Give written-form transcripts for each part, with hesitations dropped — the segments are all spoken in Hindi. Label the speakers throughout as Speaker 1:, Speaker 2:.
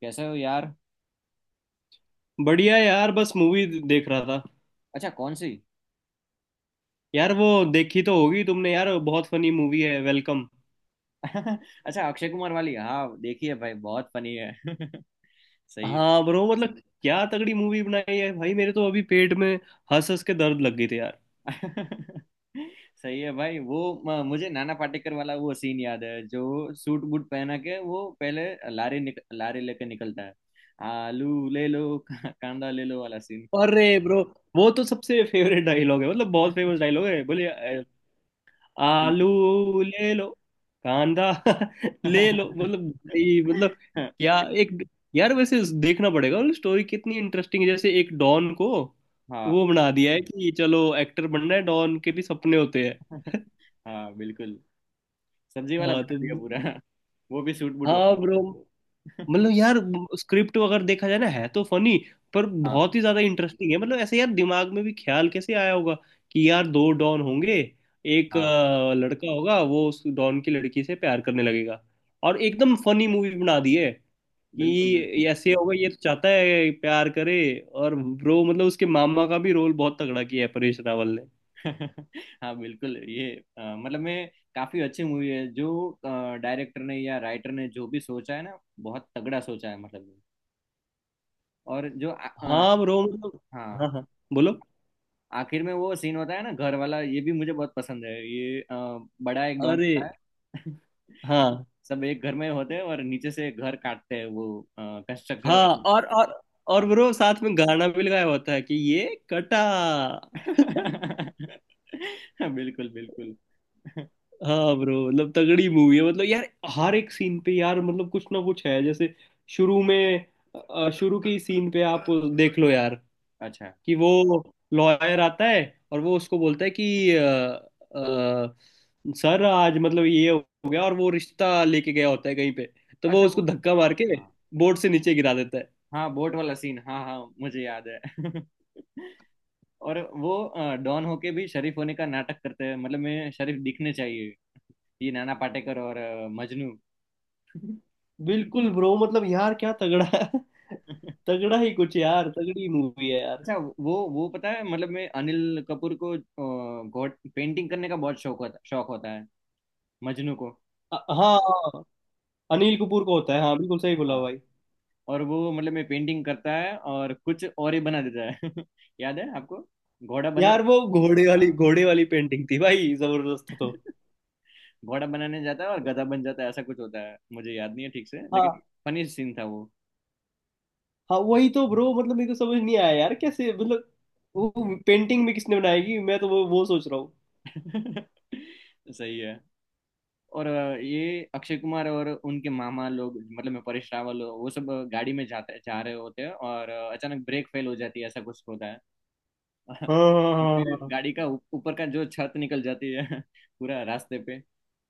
Speaker 1: कैसे हो यार।
Speaker 2: बढ़िया यार, बस मूवी देख रहा था।
Speaker 1: अच्छा, कौन सी?
Speaker 2: यार वो, देखी तो होगी तुमने यार, बहुत फनी मूवी है वेलकम।
Speaker 1: अच्छा, अक्षय कुमार वाली। हाँ, देखिए भाई, बहुत फनी है। सही
Speaker 2: हाँ ब्रो, मतलब क्या तगड़ी मूवी बनाई है भाई, मेरे तो अभी पेट में हंस हंस के दर्द लग गई थी यार।
Speaker 1: है। सही है भाई। वो मुझे नाना पाटेकर वाला वो सीन याद है, जो सूट बूट पहना के वो पहले लारी लेके निकलता है। आलू ले लो, कांदा ले लो वाला सीन।
Speaker 2: अरे ब्रो, वो तो सबसे फेवरेट डायलॉग है, मतलब बहुत फेमस डायलॉग है। बोले
Speaker 1: बिल्कुल।
Speaker 2: आलू ले लो, कांदा ले लो मतलब। भाई मतलब क्या, एक। यार वैसे देखना पड़ेगा, मतलब स्टोरी कितनी इंटरेस्टिंग है। जैसे एक डॉन को
Speaker 1: हाँ,
Speaker 2: वो बना दिया है कि चलो एक्टर बनना है, डॉन के भी सपने होते हैं।
Speaker 1: हाँ, बिल्कुल। सब्जी वाला
Speaker 2: हाँ
Speaker 1: बना
Speaker 2: तो।
Speaker 1: दिया पूरा। वो भी सूट बूट वाला।
Speaker 2: हाँ ब्रो मतलब यार, स्क्रिप्ट अगर देखा जाए ना, है तो फनी पर
Speaker 1: हाँ,
Speaker 2: बहुत ही ज्यादा इंटरेस्टिंग है। मतलब ऐसे यार, दिमाग में भी ख्याल कैसे आया होगा कि यार दो डॉन होंगे। एक
Speaker 1: हाँ,
Speaker 2: लड़का होगा, वो उस डॉन की लड़की से प्यार करने लगेगा और एकदम फनी मूवी बना दी है।
Speaker 1: बिल्कुल,
Speaker 2: कि
Speaker 1: बिल्कुल।
Speaker 2: ऐसे होगा, ये तो चाहता है प्यार करे। और ब्रो मतलब उसके मामा का भी रोल बहुत तगड़ा किया है परेश रावल ने।
Speaker 1: हाँ, बिल्कुल ये, मतलब मैं काफी अच्छी मूवी है, जो डायरेक्टर ने या राइटर ने जो भी सोचा है ना, बहुत तगड़ा सोचा है मतलब। और जो
Speaker 2: हाँ ब्रो मतलब।
Speaker 1: हाँ,
Speaker 2: हाँ हाँ बोलो।
Speaker 1: आखिर में वो सीन होता है ना, घर वाला, ये भी मुझे बहुत पसंद है ये। बड़ा एक डॉन
Speaker 2: अरे
Speaker 1: आता है।
Speaker 2: हाँ
Speaker 1: सब एक घर में होते हैं और नीचे से घर काटते हैं, वो
Speaker 2: हाँ,
Speaker 1: कंस्ट्रक्शन।
Speaker 2: और ब्रो साथ में गाना भी लगाया होता है कि ये कटा
Speaker 1: हाँ। बिल्कुल, बिल्कुल।
Speaker 2: हाँ ब्रो, मतलब तगड़ी मूवी है मतलब यार। हर एक सीन पे यार, मतलब कुछ ना कुछ है। जैसे शुरू में, शुरू की सीन पे आप देख लो यार।
Speaker 1: अच्छा,
Speaker 2: कि वो लॉयर आता है और वो उसको बोलता है कि सर आज मतलब ये हो गया और वो रिश्ता लेके गया होता है कहीं पे। तो वो
Speaker 1: अच्छा,
Speaker 2: उसको धक्का मार के
Speaker 1: हाँ।
Speaker 2: बोर्ड से नीचे गिरा देता है।
Speaker 1: हाँ, बोट वाला सीन, हाँ, हाँ, मुझे याद है। और वो डॉन होके भी शरीफ होने का नाटक करते हैं, मतलब मैं, शरीफ दिखने चाहिए। ये नाना पाटेकर और मजनू।
Speaker 2: बिल्कुल ब्रो, मतलब यार क्या तगड़ा है। तगड़ा ही कुछ, यार तगड़ी मूवी है यार।
Speaker 1: अच्छा, वो पता है, मतलब मैं अनिल कपूर को, गॉड पेंटिंग करने का बहुत शौक होता है। मजनू को।
Speaker 2: हाँ हाँ, अनिल कपूर का होता है। हाँ बिल्कुल सही बोला
Speaker 1: हाँ,
Speaker 2: भाई।
Speaker 1: और वो, मतलब मैं, पेंटिंग करता है और कुछ और ही बना देता है। याद है आपको? घोड़ा बना।
Speaker 2: यार वो घोड़े वाली
Speaker 1: हाँ,
Speaker 2: घोड़े वाली पेंटिंग थी भाई, जबरदस्त तो।
Speaker 1: घोड़ा बनाने जाता है और गधा बन जाता है, ऐसा कुछ होता है, मुझे याद नहीं है ठीक से, लेकिन
Speaker 2: हाँ
Speaker 1: फनी सीन था वो।
Speaker 2: हाँ वही तो ब्रो, मतलब मेरे को समझ नहीं आया यार कैसे मतलब। वो पेंटिंग में किसने बनाएगी मैं तो, वो सोच रहा हूँ।
Speaker 1: सही है। और ये अक्षय कुमार और उनके मामा लोग, मतलब मैं परेश रावल, वो सब गाड़ी में जाते जा रहे होते हैं, और अचानक ब्रेक फेल हो जाती है, ऐसा कुछ होता है।
Speaker 2: हाँ हाँ हाँ
Speaker 1: और
Speaker 2: हाँ हाँ,
Speaker 1: फिर
Speaker 2: हाँ।
Speaker 1: गाड़ी का ऊपर का जो छत निकल जाती है पूरा रास्ते पे।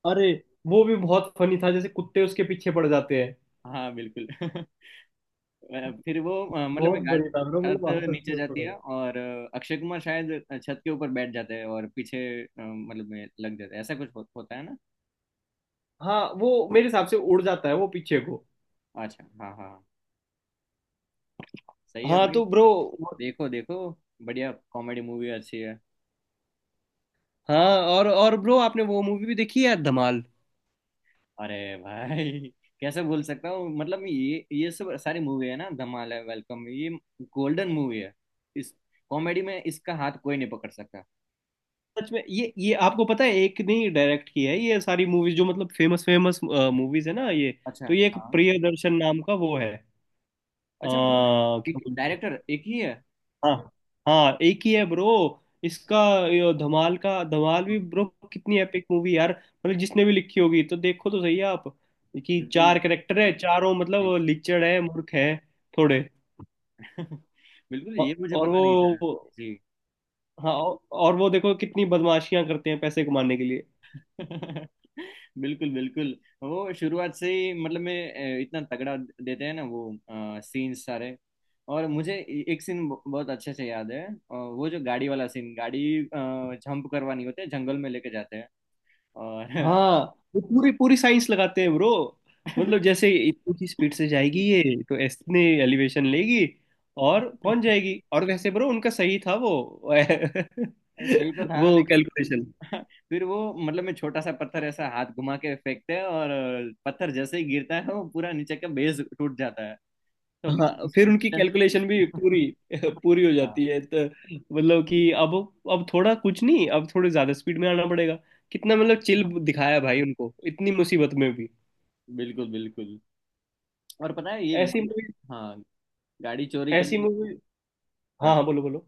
Speaker 2: अरे वो भी बहुत फनी था जैसे कुत्ते उसके पीछे पड़ जाते हैं।
Speaker 1: हाँ, बिल्कुल। फिर वो, मतलब
Speaker 2: बहुत
Speaker 1: मैं गाड़ी,
Speaker 2: बढ़िया था ब्रो,
Speaker 1: छत
Speaker 2: मतलब हंस हंस के
Speaker 1: नीचे
Speaker 2: उड़
Speaker 1: जाती
Speaker 2: रहा
Speaker 1: है
Speaker 2: था।
Speaker 1: और अक्षय कुमार शायद छत के ऊपर बैठ जाते हैं, और पीछे मतलब में लग जाते हैं, ऐसा कुछ होता है ना।
Speaker 2: हाँ वो मेरे हिसाब से उड़ जाता है वो पीछे को।
Speaker 1: अच्छा, हाँ, हाँ, हाँ। सही है
Speaker 2: हाँ
Speaker 1: भाई।
Speaker 2: तो ब्रो।
Speaker 1: देखो, देखो बढ़िया कॉमेडी मूवी, अच्छी है।
Speaker 2: हाँ, और ब्रो आपने वो मूवी भी देखी है धमाल।
Speaker 1: अरे भाई, कैसे भूल सकता हूँ, मतलब ये सब सारी मूवी है ना, धमाल है, वेलकम, ये गोल्डन मूवी है। इस कॉमेडी में इसका हाथ कोई नहीं पकड़ सकता।
Speaker 2: सच में, ये आपको पता है, एक नहीं डायरेक्ट की है ये सारी मूवीज जो मतलब फेमस फेमस मूवीज है ना ये। तो
Speaker 1: अच्छा।
Speaker 2: ये एक
Speaker 1: हाँ।
Speaker 2: प्रियदर्शन नाम का वो है
Speaker 1: अच्छा, मतलब
Speaker 2: क्या
Speaker 1: एक
Speaker 2: बोलते हैं।
Speaker 1: डायरेक्टर एक ही है।
Speaker 2: हाँ हाँ एक ही है ब्रो। इसका ये धमाल का धमाल
Speaker 1: हाँ,
Speaker 2: भी ब्रो, कितनी एपिक मूवी यार। मतलब जिसने भी लिखी होगी तो देखो तो सही आप। कि
Speaker 1: बिल्कुल
Speaker 2: चार कैरेक्टर है, चारों
Speaker 1: जी।
Speaker 2: मतलब लिचड़ है, मूर्ख है थोड़े।
Speaker 1: बिल्कुल,
Speaker 2: औ-
Speaker 1: ये मुझे
Speaker 2: और
Speaker 1: पता
Speaker 2: वो,
Speaker 1: नहीं था। जी।
Speaker 2: हाँ और वो देखो कितनी बदमाशियां करते हैं पैसे कमाने के लिए।
Speaker 1: बिल्कुल, बिल्कुल। वो शुरुआत से ही, मतलब मैं, इतना तगड़ा देते हैं ना वो सीन सारे। और मुझे एक सीन बहुत अच्छे से याद है। वो जो गाड़ी वाला सीन, गाड़ी जंप करवानी होती है, जंगल में लेके जाते हैं और
Speaker 2: हाँ, वो पूरी पूरी साइंस लगाते हैं ब्रो। मतलब जैसे इतनी की स्पीड से जाएगी ये तो इतने एलिवेशन लेगी और पहुंच जाएगी। और वैसे ब्रो उनका सही था वो
Speaker 1: सही तो था
Speaker 2: वो
Speaker 1: लेकिन
Speaker 2: कैलकुलेशन।
Speaker 1: फिर वो, मतलब मैं, छोटा सा पत्थर ऐसा हाथ घुमा के फेंकते हैं और पत्थर जैसे ही गिरता है, वो पूरा नीचे का बेस टूट जाता है
Speaker 2: हाँ फिर उनकी
Speaker 1: तो।
Speaker 2: कैलकुलेशन भी पूरी पूरी हो
Speaker 1: हाँ,
Speaker 2: जाती है तो मतलब कि अब, थोड़ा कुछ नहीं, अब थोड़े ज्यादा स्पीड में आना पड़ेगा। कितना मतलब चिल दिखाया भाई, उनको इतनी मुसीबत में भी।
Speaker 1: बिल्कुल, बिल्कुल। और पता है, ये
Speaker 2: ऐसी
Speaker 1: गाड़ी,
Speaker 2: मूवी,
Speaker 1: हाँ, गाड़ी चोरी
Speaker 2: ऐसी
Speaker 1: करने,
Speaker 2: मूवी। हाँ हाँ
Speaker 1: अच्छा,
Speaker 2: बोलो बोलो।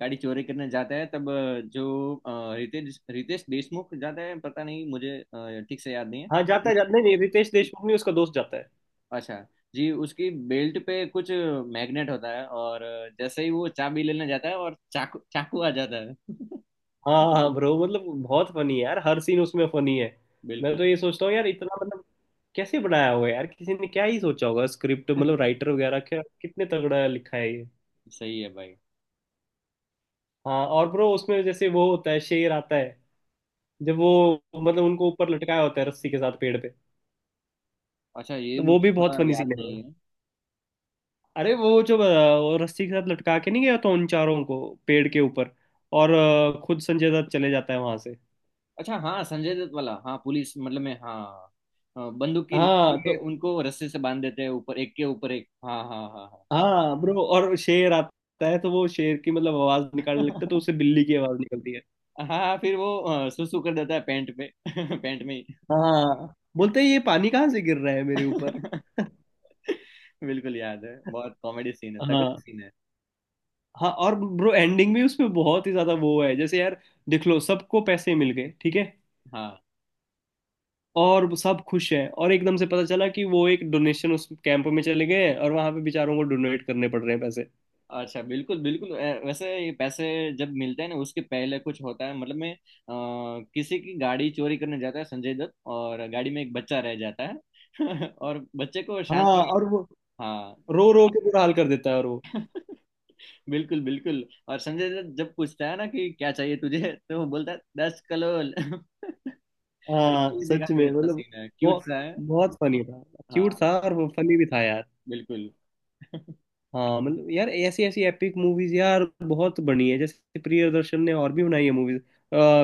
Speaker 1: गाड़ी चोरी करने जाता है तब, जो रितेश रितेश देशमुख जाता है, पता नहीं मुझे, ठीक से याद नहीं है
Speaker 2: हाँ जाता है,
Speaker 1: लेकिन-
Speaker 2: जाता नहीं, नहीं रितेश देशमुख, नहीं उसका दोस्त जाता है।
Speaker 1: अच्छा। जी, उसकी बेल्ट पे कुछ मैग्नेट होता है, और जैसे ही वो चाबी लेने जाता है, और चाकू, चाकू आ जाता है।
Speaker 2: हाँ हाँ ब्रो, मतलब बहुत फनी है यार, हर सीन उसमें फनी है। मैं
Speaker 1: बिल्कुल।
Speaker 2: तो ये सोचता हूँ यार इतना मतलब, कैसे बनाया होगा यार, किसी ने क्या ही सोचा होगा स्क्रिप्ट मतलब, राइटर वगैरह क्या कितने तगड़ा लिखा है ये।
Speaker 1: सही है भाई।
Speaker 2: हाँ और ब्रो उसमें जैसे वो होता है शेर आता है, जब वो मतलब उनको ऊपर लटकाया होता है रस्सी के साथ पेड़ पे,
Speaker 1: अच्छा, ये
Speaker 2: तो वो
Speaker 1: मुझे
Speaker 2: भी बहुत
Speaker 1: थोड़ा
Speaker 2: फनी
Speaker 1: याद
Speaker 2: सीन है bro।
Speaker 1: नहीं है।
Speaker 2: अरे वो जो वो रस्सी के साथ लटका के नहीं गया तो उन चारों को पेड़ के ऊपर, और खुद संजय दत्त चले जाता है वहां से।
Speaker 1: अच्छा, हाँ, संजय दत्त वाला, हाँ, पुलिस, मतलब में, हाँ। हाँ, बंदूक की नोक
Speaker 2: हाँ तो।
Speaker 1: पे उनको रस्से से बांध देते हैं, ऊपर एक के ऊपर एक, हाँ, हाँ, हाँ।
Speaker 2: हाँ ब्रो, और शेर आता है तो वो शेर की मतलब आवाज निकालने लगता है, तो
Speaker 1: हाँ।
Speaker 2: उससे बिल्ली की आवाज निकलती है।
Speaker 1: हाँ, फिर वो सुसु कर देता है पैंट पे, पैंट में ही।
Speaker 2: हाँ बोलते हैं ये पानी कहाँ से गिर रहा है मेरे ऊपर
Speaker 1: बिल्कुल याद है, बहुत कॉमेडी सीन है, तगड़ी
Speaker 2: हाँ
Speaker 1: सीन है।
Speaker 2: हाँ, और ब्रो एंडिंग भी उसमें बहुत ही ज्यादा वो है। जैसे यार देख लो, सबको पैसे मिल गए ठीक है
Speaker 1: हाँ।
Speaker 2: और वो सब खुश हैं, और एकदम से पता चला कि वो एक डोनेशन उस कैंप में चले गए हैं और वहां पे बेचारों को डोनेट करने पड़ रहे हैं पैसे।
Speaker 1: अच्छा, बिल्कुल, बिल्कुल। वैसे, ये पैसे जब मिलते हैं ना, उसके पहले कुछ होता है, मतलब मैं किसी की गाड़ी चोरी करने जाता है संजय दत्त, और गाड़ी में एक बच्चा रह जाता है। और बच्चे को शांत
Speaker 2: हाँ
Speaker 1: कर।
Speaker 2: और वो
Speaker 1: हाँ।
Speaker 2: रो रो के बुरा हाल कर देता है, और वो।
Speaker 1: बिल्कुल, बिल्कुल। और संजय दत्त जब पूछता है ना, कि क्या चाहिए तुझे, तो वो बोलता है, दस कलोल।
Speaker 2: हाँ
Speaker 1: ये देखा
Speaker 2: सच
Speaker 1: भी,
Speaker 2: में
Speaker 1: अच्छा
Speaker 2: मतलब,
Speaker 1: सीन है,
Speaker 2: वो
Speaker 1: क्यूट सा है।
Speaker 2: बहुत फनी था। क्यूट
Speaker 1: हाँ,
Speaker 2: था, और वो फनी भी था यार।
Speaker 1: बिल्कुल।
Speaker 2: हाँ मतलब यार, ऐसी ऐसी एपिक मूवीज यार बहुत बनी है। जैसे प्रियदर्शन ने और भी बनाई है मूवीज,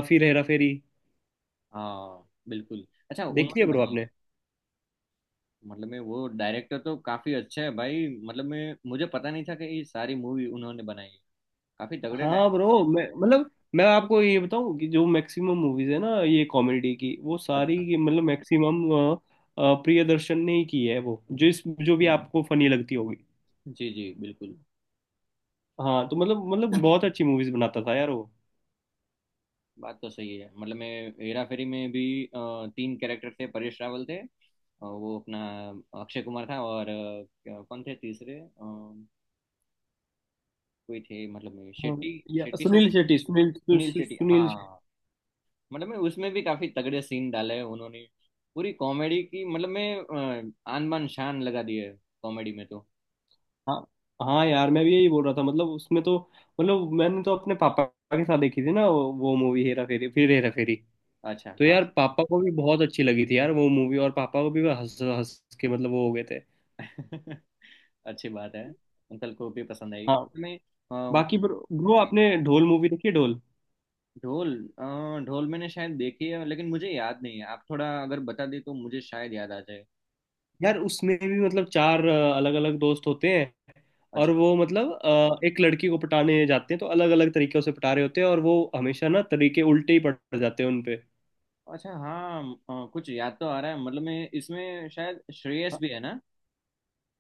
Speaker 2: फिर हेरा फेरी।
Speaker 1: हाँ, बिल्कुल। अच्छा,
Speaker 2: देखी
Speaker 1: उन्होंने
Speaker 2: है ब्रो
Speaker 1: बनाई?
Speaker 2: आपने?
Speaker 1: मतलब मैं वो डायरेक्टर तो काफी अच्छा है भाई, मतलब मैं, मुझे पता नहीं था कि ये सारी मूवी उन्होंने बनाई है। काफी तगड़े
Speaker 2: हाँ ब्रो
Speaker 1: डायरेक्टर।
Speaker 2: मैं मतलब, मैं आपको ये बताऊं कि जो मैक्सिमम मूवीज है ना, ये कॉमेडी की, वो सारी
Speaker 1: अच्छा।
Speaker 2: की मतलब मैक्सिमम प्रियदर्शन ने ही की है, वो जो इस जो भी आपको फनी लगती होगी।
Speaker 1: जी, जी, बिल्कुल।
Speaker 2: हाँ तो मतलब, बहुत अच्छी मूवीज बनाता था यार वो।
Speaker 1: बात तो सही है, मतलब मैं, हेरा फेरी में भी तीन कैरेक्टर थे, परेश रावल थे, वो अपना, अक्षय कुमार था, और कौन थे तीसरे, कोई थे, मतलब
Speaker 2: हाँ,
Speaker 1: शेट्टी,
Speaker 2: या
Speaker 1: शेट्टी साहब,
Speaker 2: सुनील शेट्टी, सुनील सु,
Speaker 1: सुनील
Speaker 2: सु,
Speaker 1: शेट्टी,
Speaker 2: सुनील।
Speaker 1: हाँ। मतलब मैं उसमें भी काफी तगड़े सीन डाले हैं उन्होंने। पूरी कॉमेडी की, मतलब मैं आन बान शान लगा दी है कॉमेडी में तो।
Speaker 2: हाँ हाँ यार, मैं भी यही बोल रहा था मतलब उसमें तो। मतलब मैंने तो अपने पापा के साथ देखी थी ना वो मूवी, हेरा फेरी फिर हेरा फेरी।
Speaker 1: अच्छा,
Speaker 2: तो
Speaker 1: हाँ।
Speaker 2: यार पापा को भी बहुत अच्छी लगी थी यार वो मूवी, और पापा को भी वो हंस हंस के मतलब वो हो गए थे।
Speaker 1: अच्छी बात है। अंकल को भी पसंद आई।
Speaker 2: हाँ।
Speaker 1: मैं।
Speaker 2: बाकी ब्रो ब्रो आपने ढोल मूवी देखी है ढोल?
Speaker 1: ढोल। अ, ढोल मैंने शायद देखी है, लेकिन मुझे याद नहीं है, आप थोड़ा अगर बता दे तो मुझे शायद याद आ जाए।
Speaker 2: यार उसमें भी मतलब चार अलग अलग दोस्त होते हैं, और
Speaker 1: अच्छा।
Speaker 2: वो मतलब एक लड़की को पटाने जाते हैं, तो अलग अलग तरीके से पटा रहे होते हैं और वो हमेशा ना तरीके उल्टे ही पड़ जाते हैं उनपे।
Speaker 1: अच्छा, हाँ, कुछ याद तो आ रहा है, मतलब मैं इसमें शायद श्रेयस भी है ना,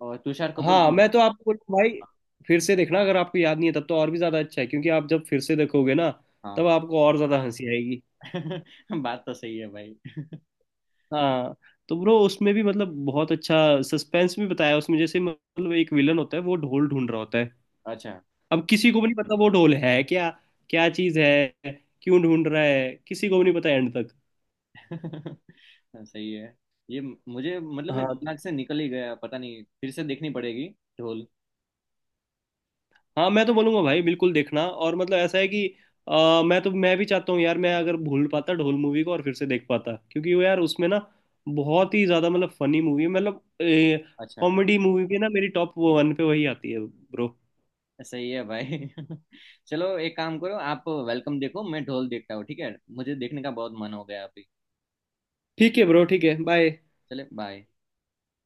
Speaker 1: और तुषार कपूर
Speaker 2: हाँ
Speaker 1: भी
Speaker 2: मैं तो आपको बोलूँ भाई, फिर से
Speaker 1: है।
Speaker 2: देखना। अगर आपको याद नहीं है तब तो और भी ज़्यादा अच्छा है, क्योंकि आप जब फिर से देखोगे ना
Speaker 1: हाँ।
Speaker 2: तब आपको और ज़्यादा हंसी आएगी।
Speaker 1: बात तो सही है भाई।
Speaker 2: हाँ तो ब्रो उसमें भी मतलब बहुत अच्छा सस्पेंस भी बताया है उसमें। जैसे मतलब एक विलन होता है, वो ढोल ढूंढ रहा होता है।
Speaker 1: अच्छा।
Speaker 2: अब किसी को भी नहीं पता वो ढोल है क्या, क्या चीज़ है, क्यों ढूंढ रहा है, किसी को भी नहीं पता एंड तक।
Speaker 1: सही है, ये मुझे, मतलब मैं, दिमाग
Speaker 2: हाँ
Speaker 1: से निकल ही गया, पता नहीं, फिर से देखनी पड़ेगी ढोल।
Speaker 2: हाँ, मैं तो बोलूंगा भाई बिल्कुल देखना। और मतलब ऐसा है कि मैं तो, मैं भी चाहता हूँ यार, मैं अगर भूल पाता ढोल मूवी को और फिर से देख पाता, क्योंकि वो यार उसमें ना बहुत ही ज्यादा मतलब फनी मूवी है। मतलब
Speaker 1: अच्छा,
Speaker 2: कॉमेडी मूवी भी ना मेरी टॉप वन पे वही आती है ब्रो।
Speaker 1: सही है भाई। चलो, एक काम करो, आप वेलकम देखो, मैं ढोल देखता हूँ, ठीक है, मुझे देखने का बहुत मन हो गया अभी।
Speaker 2: ठीक है ब्रो, ठीक है बाय।
Speaker 1: चले, बाय।